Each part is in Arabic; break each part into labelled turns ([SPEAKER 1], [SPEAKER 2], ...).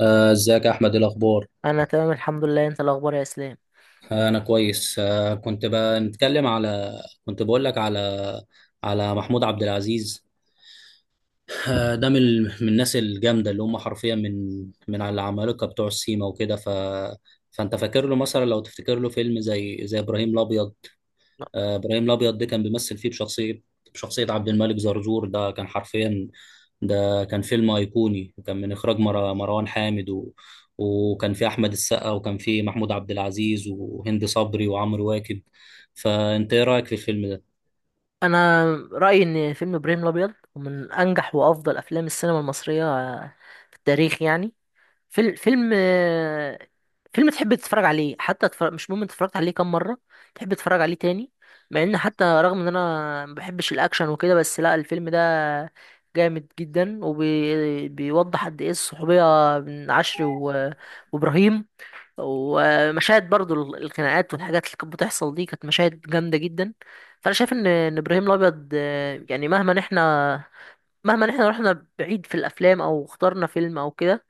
[SPEAKER 1] ازيك يا احمد، إيه الاخبار؟
[SPEAKER 2] انا تمام الحمد لله. انت الاخبار يا اسلام؟
[SPEAKER 1] انا كويس. كنت بقول لك على محمود عبد العزيز. ده من الناس الجامده اللي هم حرفيا من على العمالقه بتوع السيما وكده. فانت فاكر له مثلا، لو تفتكر له فيلم زي ابراهيم الابيض. ابراهيم الابيض ده كان بيمثل فيه بشخصيه عبد الملك زرزور، ده كان حرفيا. ده كان فيلم ايقوني، وكان من اخراج مروان حامد، وكان فيه احمد السقا، وكان فيه محمود عبد العزيز وهند صبري وعمرو واكد. فانت ايه رايك في الفيلم ده؟
[SPEAKER 2] انا رايي ان فيلم ابراهيم الابيض من انجح وافضل افلام السينما المصريه في التاريخ، يعني. فيلم فيلم فيلم تحب تتفرج عليه حتى تفرج، مش مهم انت اتفرجت عليه كام مره، تحب تتفرج عليه تاني. مع ان حتى رغم ان انا ما بحبش الاكشن وكده، بس لا، الفيلم ده جامد جدا، وبيوضح قد ايه الصحوبيه بين عشري وابراهيم. ومشاهد برضو الخناقات والحاجات اللي كانت بتحصل دي كانت مشاهد جامدة جدا. فأنا شايف إن إبراهيم الأبيض، يعني مهما إحنا رحنا بعيد في الأفلام أو اخترنا فيلم أو كده،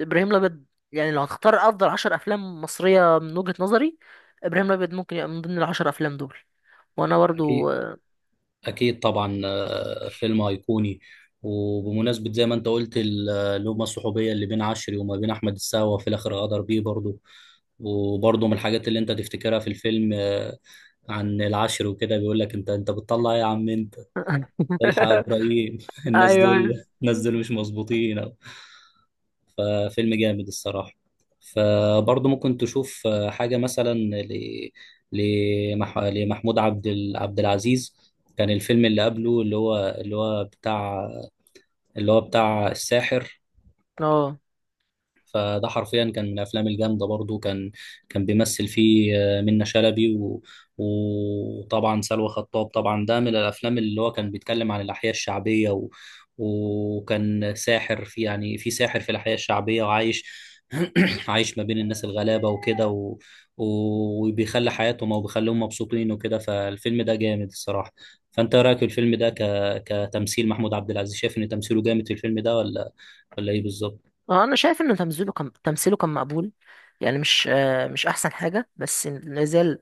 [SPEAKER 2] إبراهيم الأبيض، يعني لو هتختار أفضل 10 أفلام مصرية من وجهة نظري، إبراهيم الأبيض ممكن يبقى من ضمن العشر أفلام دول. وأنا برضو
[SPEAKER 1] اكيد. اكيد طبعا. فيلم ايقوني. وبمناسبة زي ما انت قلت اللومة الصحوبية اللي بين عشري وما بين احمد السقا، وفي الاخر غدر بيه برضه. وبرضه من الحاجات اللي انت تفتكرها في الفيلم، عن العشر وكده، بيقول لك: انت بتطلع ايه يا عم انت؟ الحق يا ابراهيم. الناس
[SPEAKER 2] أيوه، أيوه.
[SPEAKER 1] دول الناس دول مش مظبوطين أو. ففيلم جامد الصراحه. فبرضه ممكن تشوف حاجه مثلا لمحمود عبد العزيز. كان الفيلم اللي قبله، اللي هو بتاع اللي هو بتاع الساحر.
[SPEAKER 2] اه،
[SPEAKER 1] فده حرفيا كان من الافلام الجامده برضو. كان بيمثل فيه منة شلبي، وطبعا سلوى خطاب. طبعا ده من الافلام اللي هو كان بيتكلم عن الاحياء الشعبيه، وكان ساحر، في يعني، في ساحر في الاحياء الشعبيه وعايش. عايش ما بين الناس الغلابه وكده، وبيخلي حياتهم او بيخليهم مبسوطين وكده. فالفيلم ده جامد الصراحه. فانت إيه رايك في الفيلم ده كتمثيل محمود عبد العزيز؟ شايف ان تمثيله جامد في الفيلم ده، ولا ايه بالظبط؟
[SPEAKER 2] اه، انا شايف ان تمثيله كان مقبول، يعني مش احسن حاجه، بس لازال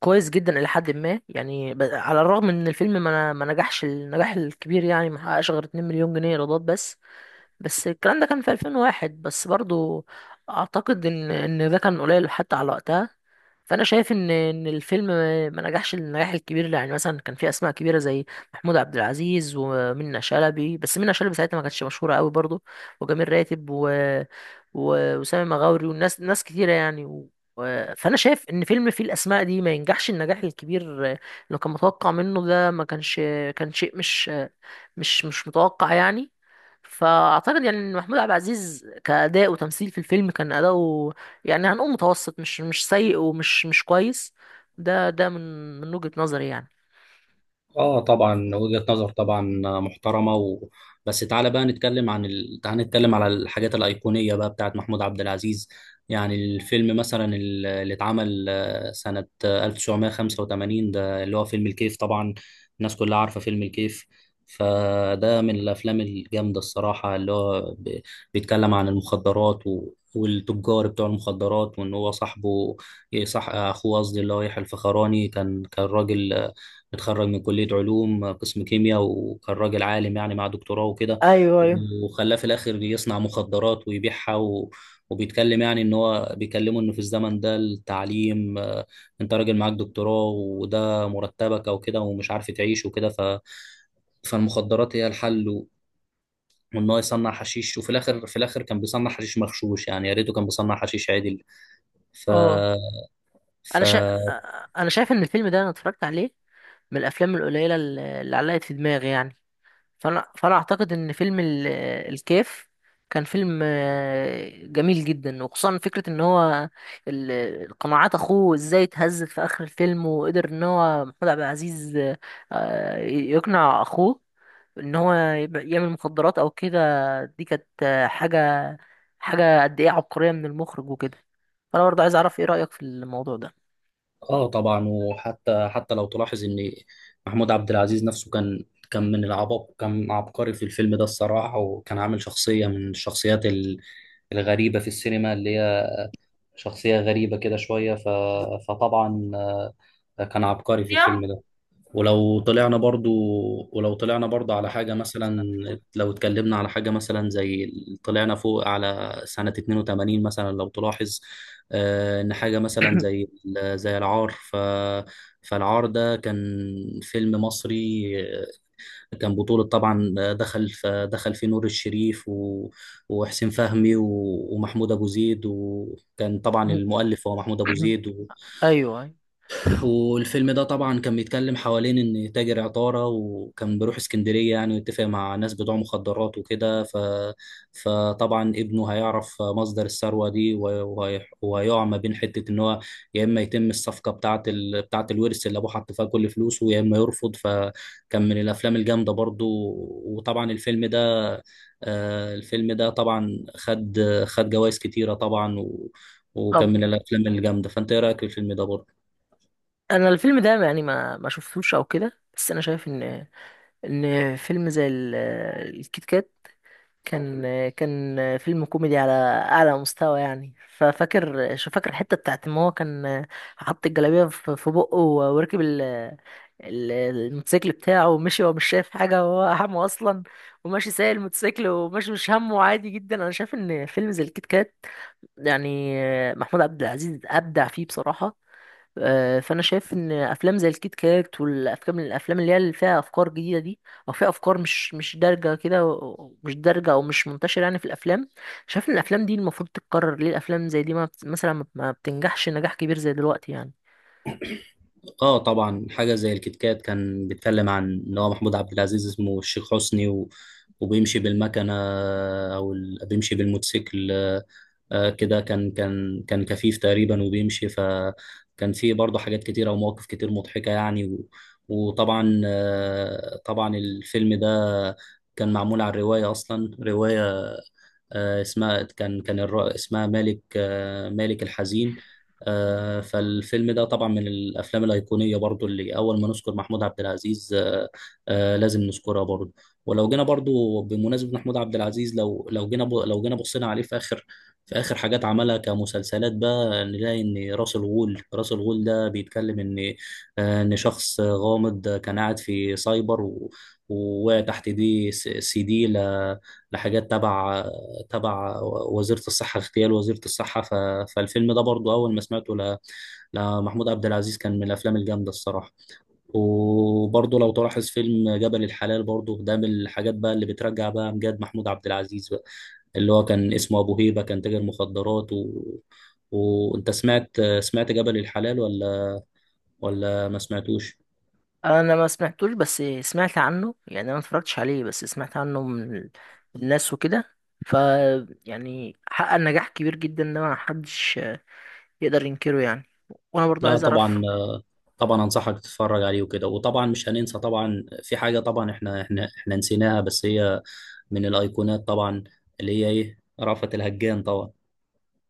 [SPEAKER 2] كويس جدا الى حد ما، يعني على الرغم ان الفيلم ما نجحش النجاح الكبير، يعني ما حققش غير 2 مليون جنيه ايرادات بس. بس الكلام ده كان في 2001، بس برضو اعتقد ان ده كان قليل حتى على وقتها. فانا شايف ان الفيلم ما نجحش النجاح الكبير، يعني مثلا كان في اسماء كبيره زي محمود عبد العزيز ومنى شلبي، بس منى شلبي ساعتها ما كانتش مشهوره قوي برضو، وجميل راتب وسامي مغاوري والناس، ناس كتيره يعني، فانا شايف ان فيلم فيه الاسماء دي ما ينجحش النجاح الكبير اللي كان متوقع منه. ده ما كانش، كان شيء مش متوقع يعني. فاعتقد يعني ان محمود عبد العزيز كاداء وتمثيل في الفيلم كان اداؤه، يعني هنقول متوسط، مش سيء ومش مش كويس. ده من وجهة نظري يعني.
[SPEAKER 1] اه طبعا. وجهة نظر طبعا محترمة. و... بس تعالى بقى نتكلم عن ال... تعالى نتكلم على الحاجات الأيقونية بقى بتاعت محمود عبد العزيز. يعني الفيلم مثلا اللي اتعمل سنة 1985، ده اللي هو فيلم الكيف طبعا. الناس كلها عارفة فيلم الكيف. فده من الأفلام الجامدة الصراحة، اللي هو بيتكلم عن المخدرات، و... والتجار بتوع المخدرات، وان هو صاحبه، صح اخوه قصدي، اللي هو يحيى الفخراني كان راجل اتخرج من كلية علوم قسم كيمياء، وكان راجل عالم يعني، مع دكتوراه وكده.
[SPEAKER 2] ايوه، ايوه.
[SPEAKER 1] وخلاه في الآخر يصنع مخدرات ويبيعها. و... وبيتكلم يعني، ان هو بيكلمه انه في الزمن ده التعليم، انت راجل معاك دكتوراه، وده مرتبك او كده، ومش عارف تعيش وكده. فالمخدرات هي الحل، و... وان هو يصنع حشيش. وفي الاخر في الاخر كان بيصنع حشيش مغشوش، يعني يا ريته كان بيصنع حشيش عدل. ف...
[SPEAKER 2] اه،
[SPEAKER 1] ف...
[SPEAKER 2] انا شا... انا شايف ان الفيلم ده انا اتفرجت عليه، من الافلام القليله اللي علقت في دماغي يعني. فانا اعتقد ان فيلم الكيف كان فيلم جميل جدا، وخصوصا فكرة ان هو ال- القناعات، اخوه ازاي اتهزت في اخر الفيلم، وقدر ان هو محمود عبد العزيز يقنع اخوه ان هو يعمل مخدرات او كده. دي كانت حاجة قد ايه عبقرية من المخرج وكده. فانا برضه عايز اعرف، ايه رأيك في الموضوع ده
[SPEAKER 1] اه طبعا. وحتى لو تلاحظ ان محمود عبد العزيز نفسه كان من العباقرة، كان عبقري في الفيلم ده الصراحة، وكان عامل شخصية من الشخصيات الغريبة في السينما، اللي هي شخصية غريبة كده شوية. فطبعا، كان عبقري في
[SPEAKER 2] يا
[SPEAKER 1] الفيلم ده. ولو طلعنا برضو ولو طلعنا برضو على حاجة مثلا، لو اتكلمنا على حاجة مثلا طلعنا فوق على سنة 82 مثلا، لو تلاحظ. إن حاجة مثلا زي العار. فالعار ده كان فيلم مصري. كان بطولة طبعا، دخل فيه نور الشريف، وحسين فهمي، ومحمود أبو زيد، وكان طبعا المؤلف هو محمود أبو زيد.
[SPEAKER 2] ايوه، أيوة.
[SPEAKER 1] والفيلم ده طبعا كان بيتكلم حوالين ان تاجر عطارة، وكان بيروح اسكندرية يعني، ويتفق مع ناس بتوع مخدرات وكده. فطبعا ابنه هيعرف مصدر الثروة دي، وهيقع ما بين حتة ان هو يا اما يتم الصفقة بتاعة الورث اللي ابوه حط فيها كل فلوسه، يا اما يرفض. فكان من الافلام الجامدة برضو. وطبعا الفيلم ده طبعا خد جوائز كتيرة طبعا. و... وكان
[SPEAKER 2] طب،
[SPEAKER 1] من الافلام الجامدة. فانت ايه رأيك في الفيلم ده برضو؟
[SPEAKER 2] انا الفيلم ده يعني ما شفتوش او كده، بس انا شايف ان فيلم زي الكيت كات كان كان فيلم كوميدي على اعلى مستوى يعني. ففاكر شو فاكر الحته بتاعت ما هو كان، حط الجلابيه في بقه، وركب الموتوسيكل بتاعه ومشي وهو مش شايف حاجه وهو همه اصلا، وماشي سايق الموتوسيكل وماشي مش همه عادي جدا. انا شايف ان فيلم زي الكيت كات، يعني محمود عبد العزيز ابدع فيه بصراحه. فانا شايف ان افلام زي الكيت كات والافلام اللي فيها افكار جديده دي، او فيها افكار مش دارجه كده، مش دارجه او مش منتشره يعني في الافلام. شايف ان الافلام دي المفروض تتكرر. ليه الافلام زي دي ما مثلا ما بتنجحش نجاح كبير زي دلوقتي يعني؟
[SPEAKER 1] اه طبعا. حاجه زي الكيت كات كان بيتكلم عن ان هو محمود عبد العزيز اسمه الشيخ حسني، و... وبيمشي بالمكنه، او بيمشي بالموتوسيكل. كده كان كفيف تقريبا، وبيمشي، فكان في برضه حاجات كتيره ومواقف كتير مضحكه يعني. و... وطبعا، طبعا الفيلم ده كان معمول على الروايه اصلا. روايه اسمها اسمها مالك، مالك الحزين. فالفيلم ده طبعا من الافلام الايقونيه برضو، اللي اول ما نذكر محمود عبد العزيز، لازم نذكرها برضو. ولو جينا برضو بمناسبه محمود عبد العزيز، لو جينا بصينا عليه في اخر في اخر حاجات عملها كمسلسلات بقى، نلاقي ان راس الغول ده بيتكلم ان ان شخص غامض كان قاعد في سايبر، ووقع تحت دي سي دي لحاجات تبع وزيرة الصحة، اغتيال وزيرة الصحة. فالفيلم ده برضو أول ما سمعته لمحمود عبد العزيز، كان من الأفلام الجامدة الصراحة. وبرضو لو تلاحظ فيلم جبل الحلال برضو، ده من الحاجات بقى اللي بترجع بقى أمجاد محمود عبد العزيز بقى، اللي هو كان اسمه أبو هيبة، كان تاجر مخدرات. و... وأنت سمعت جبل الحلال، ولا ما سمعتوش؟
[SPEAKER 2] انا ما سمعتوش بس سمعت عنه يعني، انا ما اتفرجتش عليه بس سمعت عنه من الناس وكده. ف يعني حقق نجاح كبير جدا، ده ما حدش يقدر ينكره يعني. وانا برضه
[SPEAKER 1] لا
[SPEAKER 2] عايز اعرف.
[SPEAKER 1] طبعا. طبعا انصحك تتفرج عليه وكده. وطبعا مش هننسى طبعا في حاجه. طبعا احنا نسيناها، بس هي من الايقونات طبعا، اللي هي ايه؟ رأفت الهجان طبعا.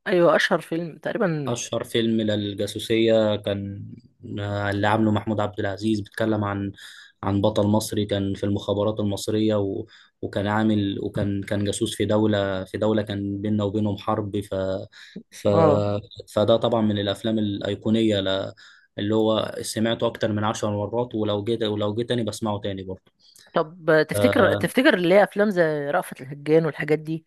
[SPEAKER 2] ايوه، اشهر فيلم تقريبا.
[SPEAKER 1] أشهر فيلم للجاسوسية كان، اللي عامله محمود عبد العزيز، بيتكلم عن بطل مصري كان في المخابرات المصرية. و... وكان جاسوس في دولة كان بيننا وبينهم حرب. ف...
[SPEAKER 2] اه،
[SPEAKER 1] فده طبعا من الأفلام الأيقونية، اللي هو سمعته أكتر من 10 مرات. ولو جيت تاني بسمعه تاني برضه.
[SPEAKER 2] طب تفتكر
[SPEAKER 1] آه،
[SPEAKER 2] تفتكر اللي هي افلام زي رأفت الهجان والحاجات دي،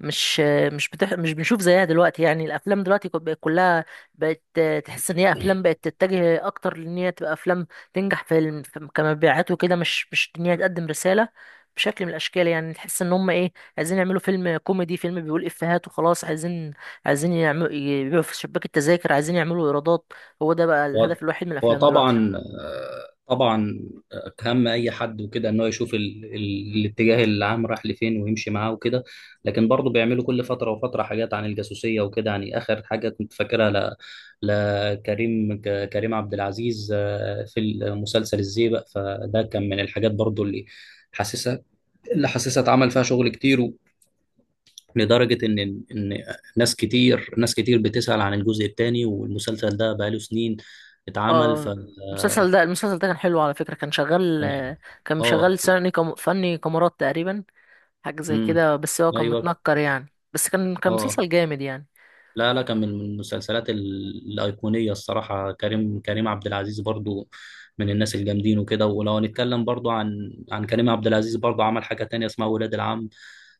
[SPEAKER 2] مش مش بنشوف زيها دلوقتي يعني؟ الافلام دلوقتي بقت كلها، بقت تحس ان هي افلام بقت تتجه اكتر لان هي تبقى افلام تنجح كمبيعات وكده، مش ان هي تقدم رساله بشكل من الاشكال يعني. تحس ان هم ايه، عايزين يعملوا فيلم كوميدي، فيلم بيقول افيهات وخلاص، عايزين يعملوا يبيعوا في شباك التذاكر، عايزين يعملوا ايرادات. هو ده بقى
[SPEAKER 1] هو
[SPEAKER 2] الهدف الوحيد من
[SPEAKER 1] هو
[SPEAKER 2] الافلام دلوقتي.
[SPEAKER 1] طبعا. طبعا. كهم اي حد وكده، ان هو يشوف الاتجاه العام رايح لفين ويمشي معاه وكده. لكن برضه بيعملوا كل فتره وفتره حاجات عن الجاسوسيه وكده، يعني اخر حاجه كنت فاكرها لكريم كريم عبد العزيز، في مسلسل الزيبق. فده كان من الحاجات برضه حاسسها اللي حاسسها اتعمل فيها شغل كتير، و... لدرجة إن ناس كتير بتسأل عن الجزء الثاني، والمسلسل ده بقاله سنين اتعمل.
[SPEAKER 2] اه، المسلسل ده كان حلو على فكره، كان شغال
[SPEAKER 1] كان ح-
[SPEAKER 2] كان
[SPEAKER 1] اه.
[SPEAKER 2] شغال سنة كم، فني كاميرات تقريبا، حاجة زي
[SPEAKER 1] امم
[SPEAKER 2] كده. بس هو كان
[SPEAKER 1] ايوه.
[SPEAKER 2] متنكر يعني، بس كان
[SPEAKER 1] اه.
[SPEAKER 2] مسلسل جامد يعني.
[SPEAKER 1] لا، لا، كان من المسلسلات الايقونيه الصراحه. كريم عبد العزيز برضو، من الناس الجامدين وكده. ولو هنتكلم برضو عن كريم عبد العزيز برضو، عمل حاجه تانية اسمها ولاد العم.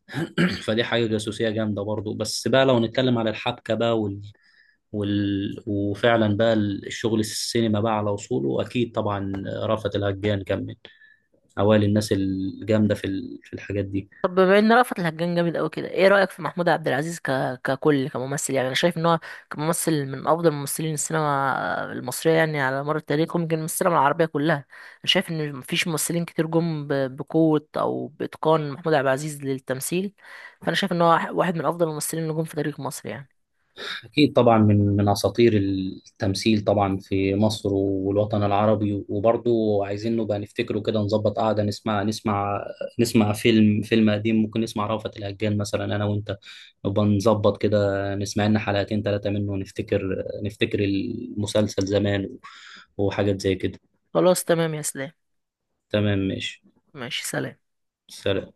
[SPEAKER 1] فدي حاجه جاسوسيه جامده برضو، بس بقى لو نتكلم على الحبكه بقى، وفعلا بقى الشغل السينما بقى على اصوله. اكيد طبعا رأفت الهجان كان من اوائل الناس الجامده في الحاجات دي.
[SPEAKER 2] طب، بما ان رأفت الهجان جامد قوي كده، ايه رأيك في محمود عبد العزيز ككل، كممثل، يعني انا شايف ان هو كممثل من افضل ممثلين السينما المصرية يعني على مر التاريخ، ويمكن من السينما العربية كلها. انا شايف ان مفيش ممثلين كتير جم بقوة او باتقان محمود عبد العزيز للتمثيل. فانا شايف ان هو واحد من افضل الممثلين اللي جم في تاريخ مصر يعني.
[SPEAKER 1] أكيد طبعا، من أساطير التمثيل طبعا في مصر والوطن العربي. وبرضه عايزين نبقى نفتكره كده، نظبط قعدة نسمع فيلم قديم، ممكن نسمع رأفت الهجان مثلا. أنا وأنت نبقى نظبط كده، نسمع لنا حلقتين ثلاثة منه، ونفتكر المسلسل زمان، وحاجات زي كده.
[SPEAKER 2] خلاص، تمام يا اسلام.
[SPEAKER 1] تمام ماشي.
[SPEAKER 2] ماشي، سلام.
[SPEAKER 1] سلام.